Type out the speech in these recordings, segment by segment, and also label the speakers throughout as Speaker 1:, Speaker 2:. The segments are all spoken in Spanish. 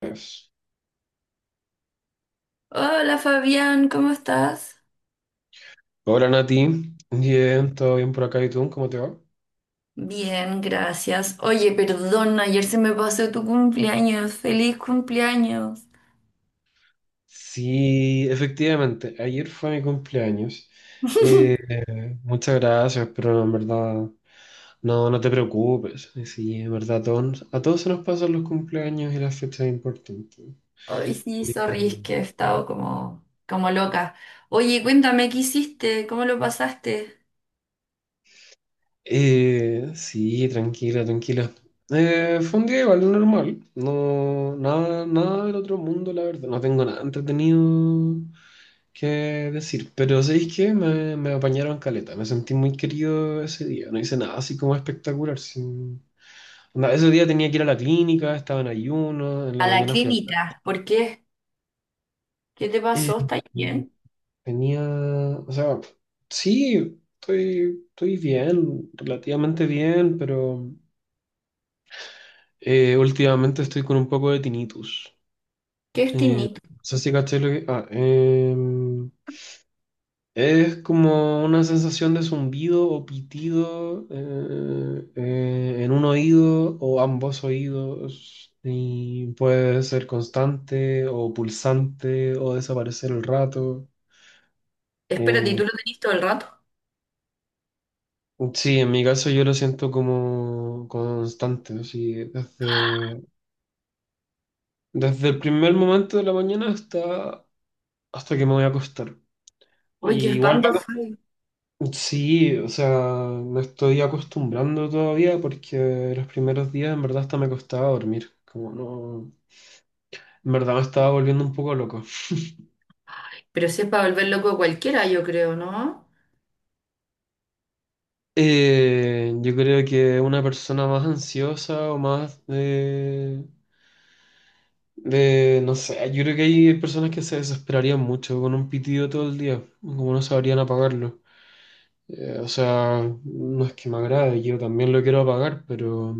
Speaker 1: Pues,
Speaker 2: Hola Fabián, ¿cómo estás?
Speaker 1: hola Nati, bien, todo bien por acá y tú, ¿cómo te va?
Speaker 2: Bien, gracias. Oye, perdón, ayer se me pasó tu cumpleaños. ¡Feliz cumpleaños!
Speaker 1: Sí, efectivamente, ayer fue mi cumpleaños. Eh, Muchas gracias, pero en verdad, no, no te preocupes. Sí, en verdad, a todos se nos pasan los cumpleaños y las fechas importantes.
Speaker 2: Ay, sí,
Speaker 1: Eh,
Speaker 2: sorry, es que he estado como loca. Oye, cuéntame, ¿qué hiciste? ¿Cómo lo pasaste?
Speaker 1: sí, tranquila, tranquila. Fue un día igual normal, no, nada del otro mundo, la verdad. No tengo nada entretenido qué decir. Pero ¿sabéis qué? Me apañaron caleta. Me sentí muy querido ese día. No hice nada así como espectacular. Onda, ese día tenía que ir a la clínica, estaba en ayuno, en la
Speaker 2: A la
Speaker 1: mañana fui al...
Speaker 2: clínica. ¿Por qué? ¿Qué te
Speaker 1: Eh,
Speaker 2: pasó? ¿Estás
Speaker 1: eh,
Speaker 2: bien?
Speaker 1: Tenía... O sea, sí, estoy bien, relativamente bien, pero últimamente estoy con un poco de tinnitus.
Speaker 2: ¿Qué es tinnitus?
Speaker 1: No sé si caché lo que... Es como una sensación de zumbido o pitido en un oído o ambos oídos y puede ser constante o pulsante o desaparecer el rato.
Speaker 2: Espérate, ¿y
Speaker 1: Eh,
Speaker 2: tú lo tenés todo el rato?
Speaker 1: sí, en mi caso yo lo siento como constante, así, desde, desde el primer momento de la mañana hasta, hasta que me voy a acostar.
Speaker 2: Oye, qué
Speaker 1: Y igual
Speaker 2: espanto
Speaker 1: va.
Speaker 2: fue.
Speaker 1: Sí, o sea, me estoy acostumbrando todavía porque los primeros días en verdad hasta me costaba dormir, como no, en verdad me estaba volviendo un poco loco.
Speaker 2: Pero si es para volver loco a cualquiera, yo creo, ¿no?
Speaker 1: Yo creo que una persona más ansiosa o más de, no sé, yo creo que hay personas que se desesperarían mucho con un pitido todo el día, como no sabrían apagarlo. O sea, no es que me agrade, yo también lo quiero apagar,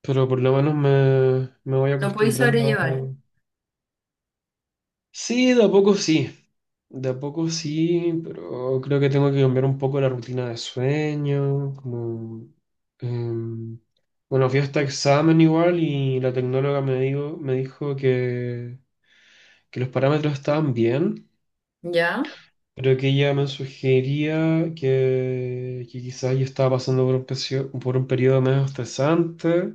Speaker 1: pero por lo menos me voy
Speaker 2: Lo podéis sobrellevar.
Speaker 1: acostumbrando. Sí, de a poco sí, de a poco sí, pero creo que tengo que cambiar un poco la rutina de sueño, como... em, bueno, fui a este examen igual y la tecnóloga me dijo que los parámetros estaban bien,
Speaker 2: ¿Ya?
Speaker 1: pero que ella me sugería que quizás yo estaba pasando por un, por un periodo medio estresante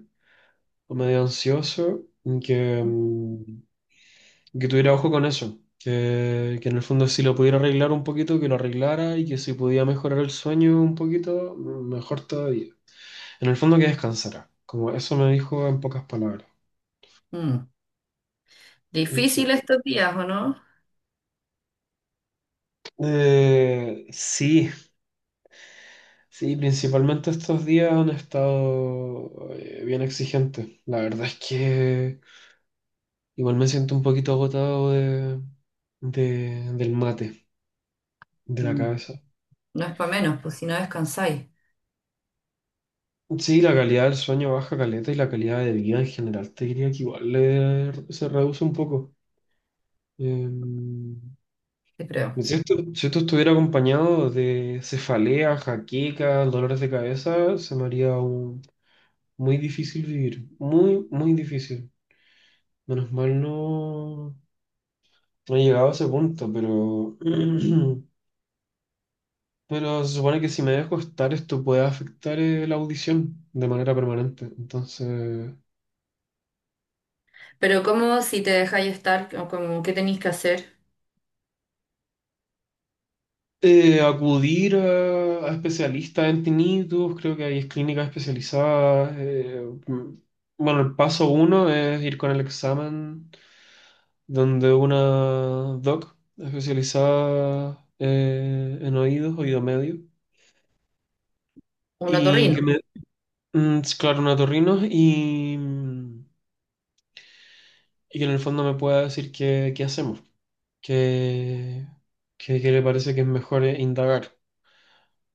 Speaker 1: o medio ansioso, y que, que tuviera ojo con eso, que en el fondo si lo pudiera arreglar un poquito, que lo arreglara y que si podía mejorar el sueño un poquito, mejor todavía. En el fondo que descansara, como eso me dijo en pocas palabras.
Speaker 2: Mm. Difícil
Speaker 1: Sí,
Speaker 2: estos días, ¿o no?
Speaker 1: Sí, sí, principalmente estos días han estado bien exigentes. La verdad es que igual me siento un poquito agotado de, del mate, de la
Speaker 2: Mm.
Speaker 1: cabeza.
Speaker 2: No es para menos, pues si no descansáis,
Speaker 1: Sí, la calidad del sueño baja caleta y la calidad de vida en general te diría que igual se reduce un poco. Eh,
Speaker 2: yo creo.
Speaker 1: si esto, si esto estuviera acompañado de cefalea, jaqueca, dolores de cabeza, se me haría muy difícil vivir. Muy, muy difícil. Menos mal no, no he llegado a ese punto, pero, pero se supone que si me dejo estar esto puede afectar la audición de manera permanente. Entonces...
Speaker 2: Pero ¿cómo si te dejáis estar? ¿¿Cómo qué tenéis que hacer?
Speaker 1: Acudir a especialistas en tinnitus, creo que hay clínicas especializadas. Bueno, el paso uno es ir con el examen donde una doc especializada en oídos, oído medio,
Speaker 2: Un
Speaker 1: y que
Speaker 2: otorrino.
Speaker 1: me, es claro, una otorrino, y, y que en el fondo me pueda decir qué, qué hacemos, qué, qué, qué le parece que es mejor indagar.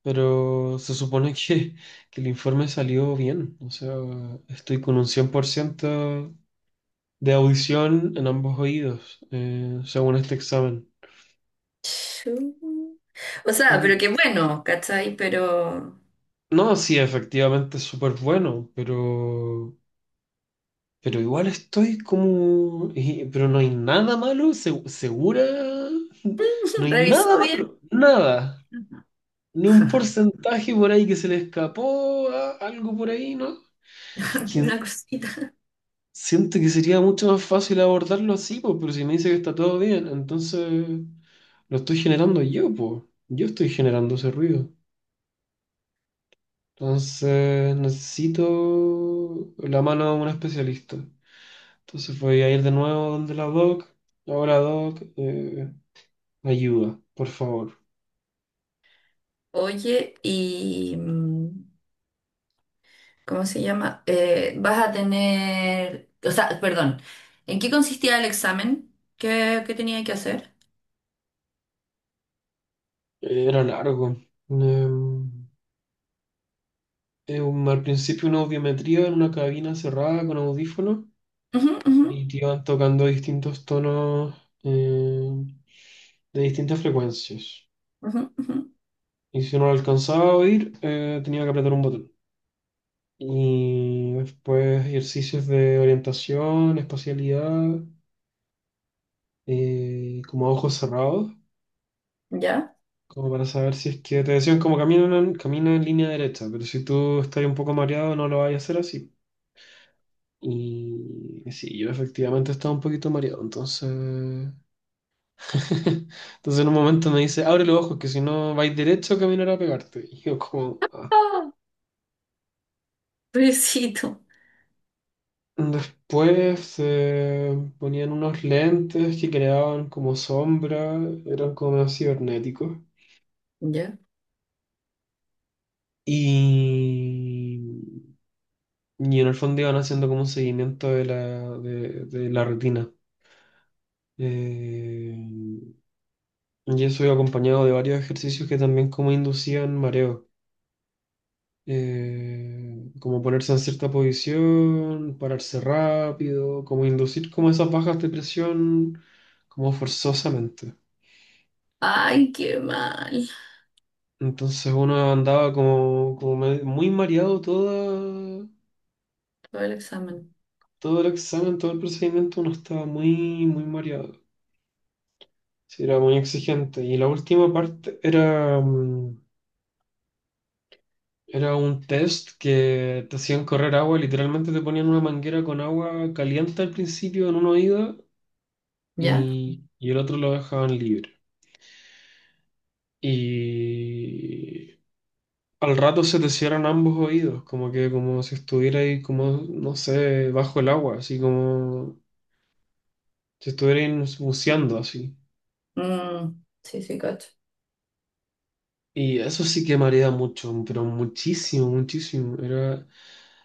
Speaker 1: Pero se supone que, que el informe salió bien. O sea, estoy con un 100% de audición en ambos oídos, según este examen.
Speaker 2: Chu. O sea,
Speaker 1: En-
Speaker 2: pero qué bueno, ¿cachai? Pero
Speaker 1: no, sí, efectivamente es súper bueno, pero igual estoy como... pero no hay nada malo, segura. No hay nada
Speaker 2: revisó bien
Speaker 1: malo, nada. Ni un porcentaje por ahí que se le escapó, algo por ahí, ¿no? Es que
Speaker 2: una cosita.
Speaker 1: siento que sería mucho más fácil abordarlo así, pues, pero si me dice que está todo bien, entonces lo estoy generando yo, pues. Yo estoy generando ese ruido. Entonces necesito la mano de un especialista. Entonces voy a ir de nuevo donde la doc. Ahora, doc, ayuda, por favor.
Speaker 2: Oye, y ¿cómo se llama? Vas a tener, o sea, perdón, ¿en qué consistía el examen? ¿Qué, qué tenía que hacer?
Speaker 1: Era largo. Em, Al principio una audiometría en una cabina cerrada con audífonos
Speaker 2: Ujú, ujú,
Speaker 1: y te iban tocando distintos tonos. eh, de distintas frecuencias.
Speaker 2: ujú, ujú.
Speaker 1: Y si no lo alcanzaba a oír, tenía que apretar un botón. Y después ejercicios de orientación, espacialidad, como a ojos cerrados,
Speaker 2: ¿Ya?
Speaker 1: como para saber si es que te decían como camina en, camina en línea derecha, pero si tú estás un poco mareado no lo vayas a hacer así. Y sí, yo efectivamente estaba un poquito mareado, entonces... entonces en un momento me dice, abre los ojos, que si no vais derecho caminará a pegarte. Y yo como... "Ah".
Speaker 2: Ah, pobrecito.
Speaker 1: Después se ponían unos lentes que creaban como sombra, eran como medio cibernéticos.
Speaker 2: ¿Ya?
Speaker 1: Y, y en el fondo iban haciendo como un seguimiento de la retina. Eh, y eso iba acompañado de varios ejercicios que también como inducían mareo. Como ponerse en cierta posición, pararse rápido, como inducir como esas bajas de presión como forzosamente.
Speaker 2: Ay, qué mal.
Speaker 1: Entonces uno andaba como, muy mareado toda,
Speaker 2: Todo el examen.
Speaker 1: todo el examen, todo el procedimiento, uno estaba muy, muy mareado. Sí, era muy exigente. Y la última parte era, era un test que te hacían correr agua, literalmente te ponían una manguera con agua caliente al principio en una oída
Speaker 2: ¿Ya?
Speaker 1: y el otro lo dejaban libre. Y al rato se te cierran ambos oídos, como que como si estuviera ahí como, no sé, bajo el agua, así como si estuvieran buceando así.
Speaker 2: Mm, sí, sí, cacho.
Speaker 1: Y eso sí que marea mucho, pero muchísimo, muchísimo. Era,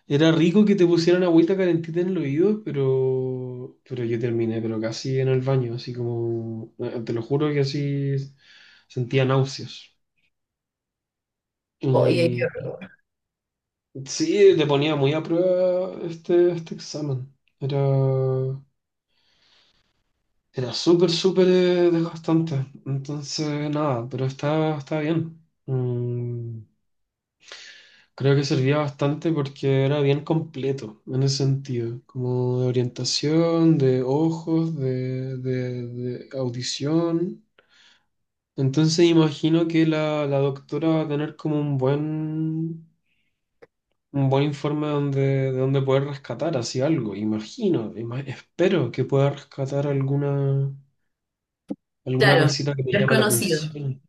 Speaker 1: era rico que te pusieran agüita calentita en el oído, pero yo terminé, pero casi en el baño, así como, te lo juro que así sentía náuseas.
Speaker 2: Oye, qué-
Speaker 1: Y
Speaker 2: horror.
Speaker 1: sí, te ponía muy a prueba este, este examen. Era, era súper, súper desgastante. Entonces, nada, pero está, está bien. Mm, Creo que servía bastante porque era bien completo en ese sentido, como de orientación, de ojos, de, de audición. Entonces imagino que la doctora va a tener como un buen informe donde, de donde poder rescatar así algo. Imagino, espero que pueda rescatar alguna, alguna
Speaker 2: Claro,
Speaker 1: cosita que me llame la
Speaker 2: desconocido.
Speaker 1: atención.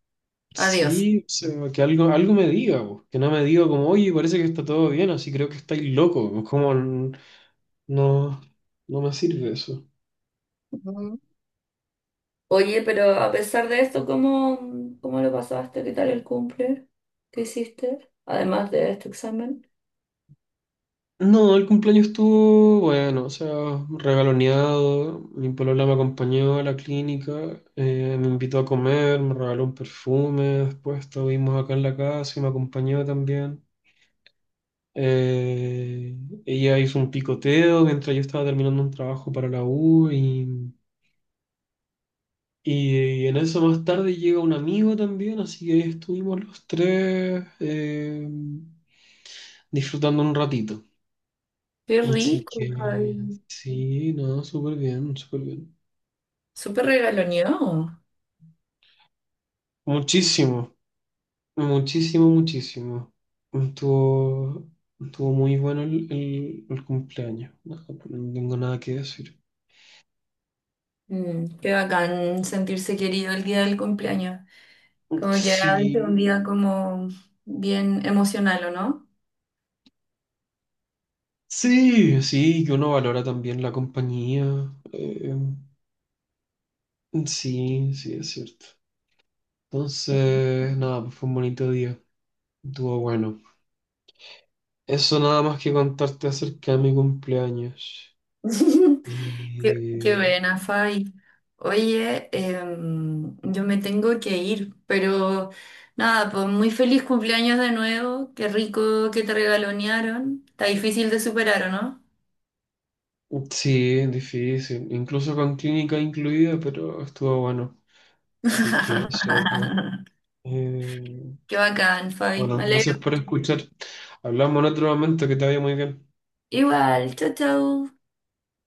Speaker 2: Adiós.
Speaker 1: Sí, o sea, que algo, algo me diga, po, que no me diga como, oye, parece que está todo bien, así creo que estáis loco, no, no me sirve eso.
Speaker 2: Ujú. Oye, pero a pesar de esto, ¿cómo, cómo lo pasaste? ¿Qué tal el cumple? ¿Qué hiciste? Además de este examen.
Speaker 1: No, el cumpleaños estuvo bueno, o sea, regaloneado, mi polola me acompañó a la clínica, me invitó a comer, me regaló un perfume, después estuvimos acá en la casa y me acompañó también. Eh, Ella hizo un picoteo mientras yo estaba terminando un trabajo para la U y, en eso más tarde llega un amigo también, así que ahí estuvimos los tres disfrutando un ratito.
Speaker 2: Qué
Speaker 1: Así
Speaker 2: rico,
Speaker 1: que
Speaker 2: Javi.
Speaker 1: sí, no, súper bien, súper bien.
Speaker 2: Súper regaloneado.
Speaker 1: Muchísimo, muchísimo, muchísimo. Estuvo, estuvo muy bueno el, el cumpleaños. No, no tengo nada que decir.
Speaker 2: Mm. Qué bacán sentirse querido el día del cumpleaños. Como que a veces un
Speaker 1: Sí,
Speaker 2: día como bien emocional, ¿o no?
Speaker 1: sí, sí, que uno valora también la compañía. Sí, sí, es cierto. Entonces, nada, pues fue un bonito día. Estuvo bueno. Eso nada más que contarte acerca de mi cumpleaños.
Speaker 2: Qué,
Speaker 1: Y...
Speaker 2: qué buena, Fai. Oye, yo me tengo que ir, pero nada, pues muy feliz cumpleaños de nuevo. Qué rico que te regalonearon. Está difícil de superar, ¿o no?
Speaker 1: Sí, es difícil. Incluso con clínica incluida, pero estuvo bueno. Así que eso, pues. Eh,
Speaker 2: Qué bacán, Fai.
Speaker 1: bueno,
Speaker 2: Me alegro.
Speaker 1: gracias por escuchar. Hablamos en otro momento, que te vaya muy bien.
Speaker 2: Igual, chau, chau.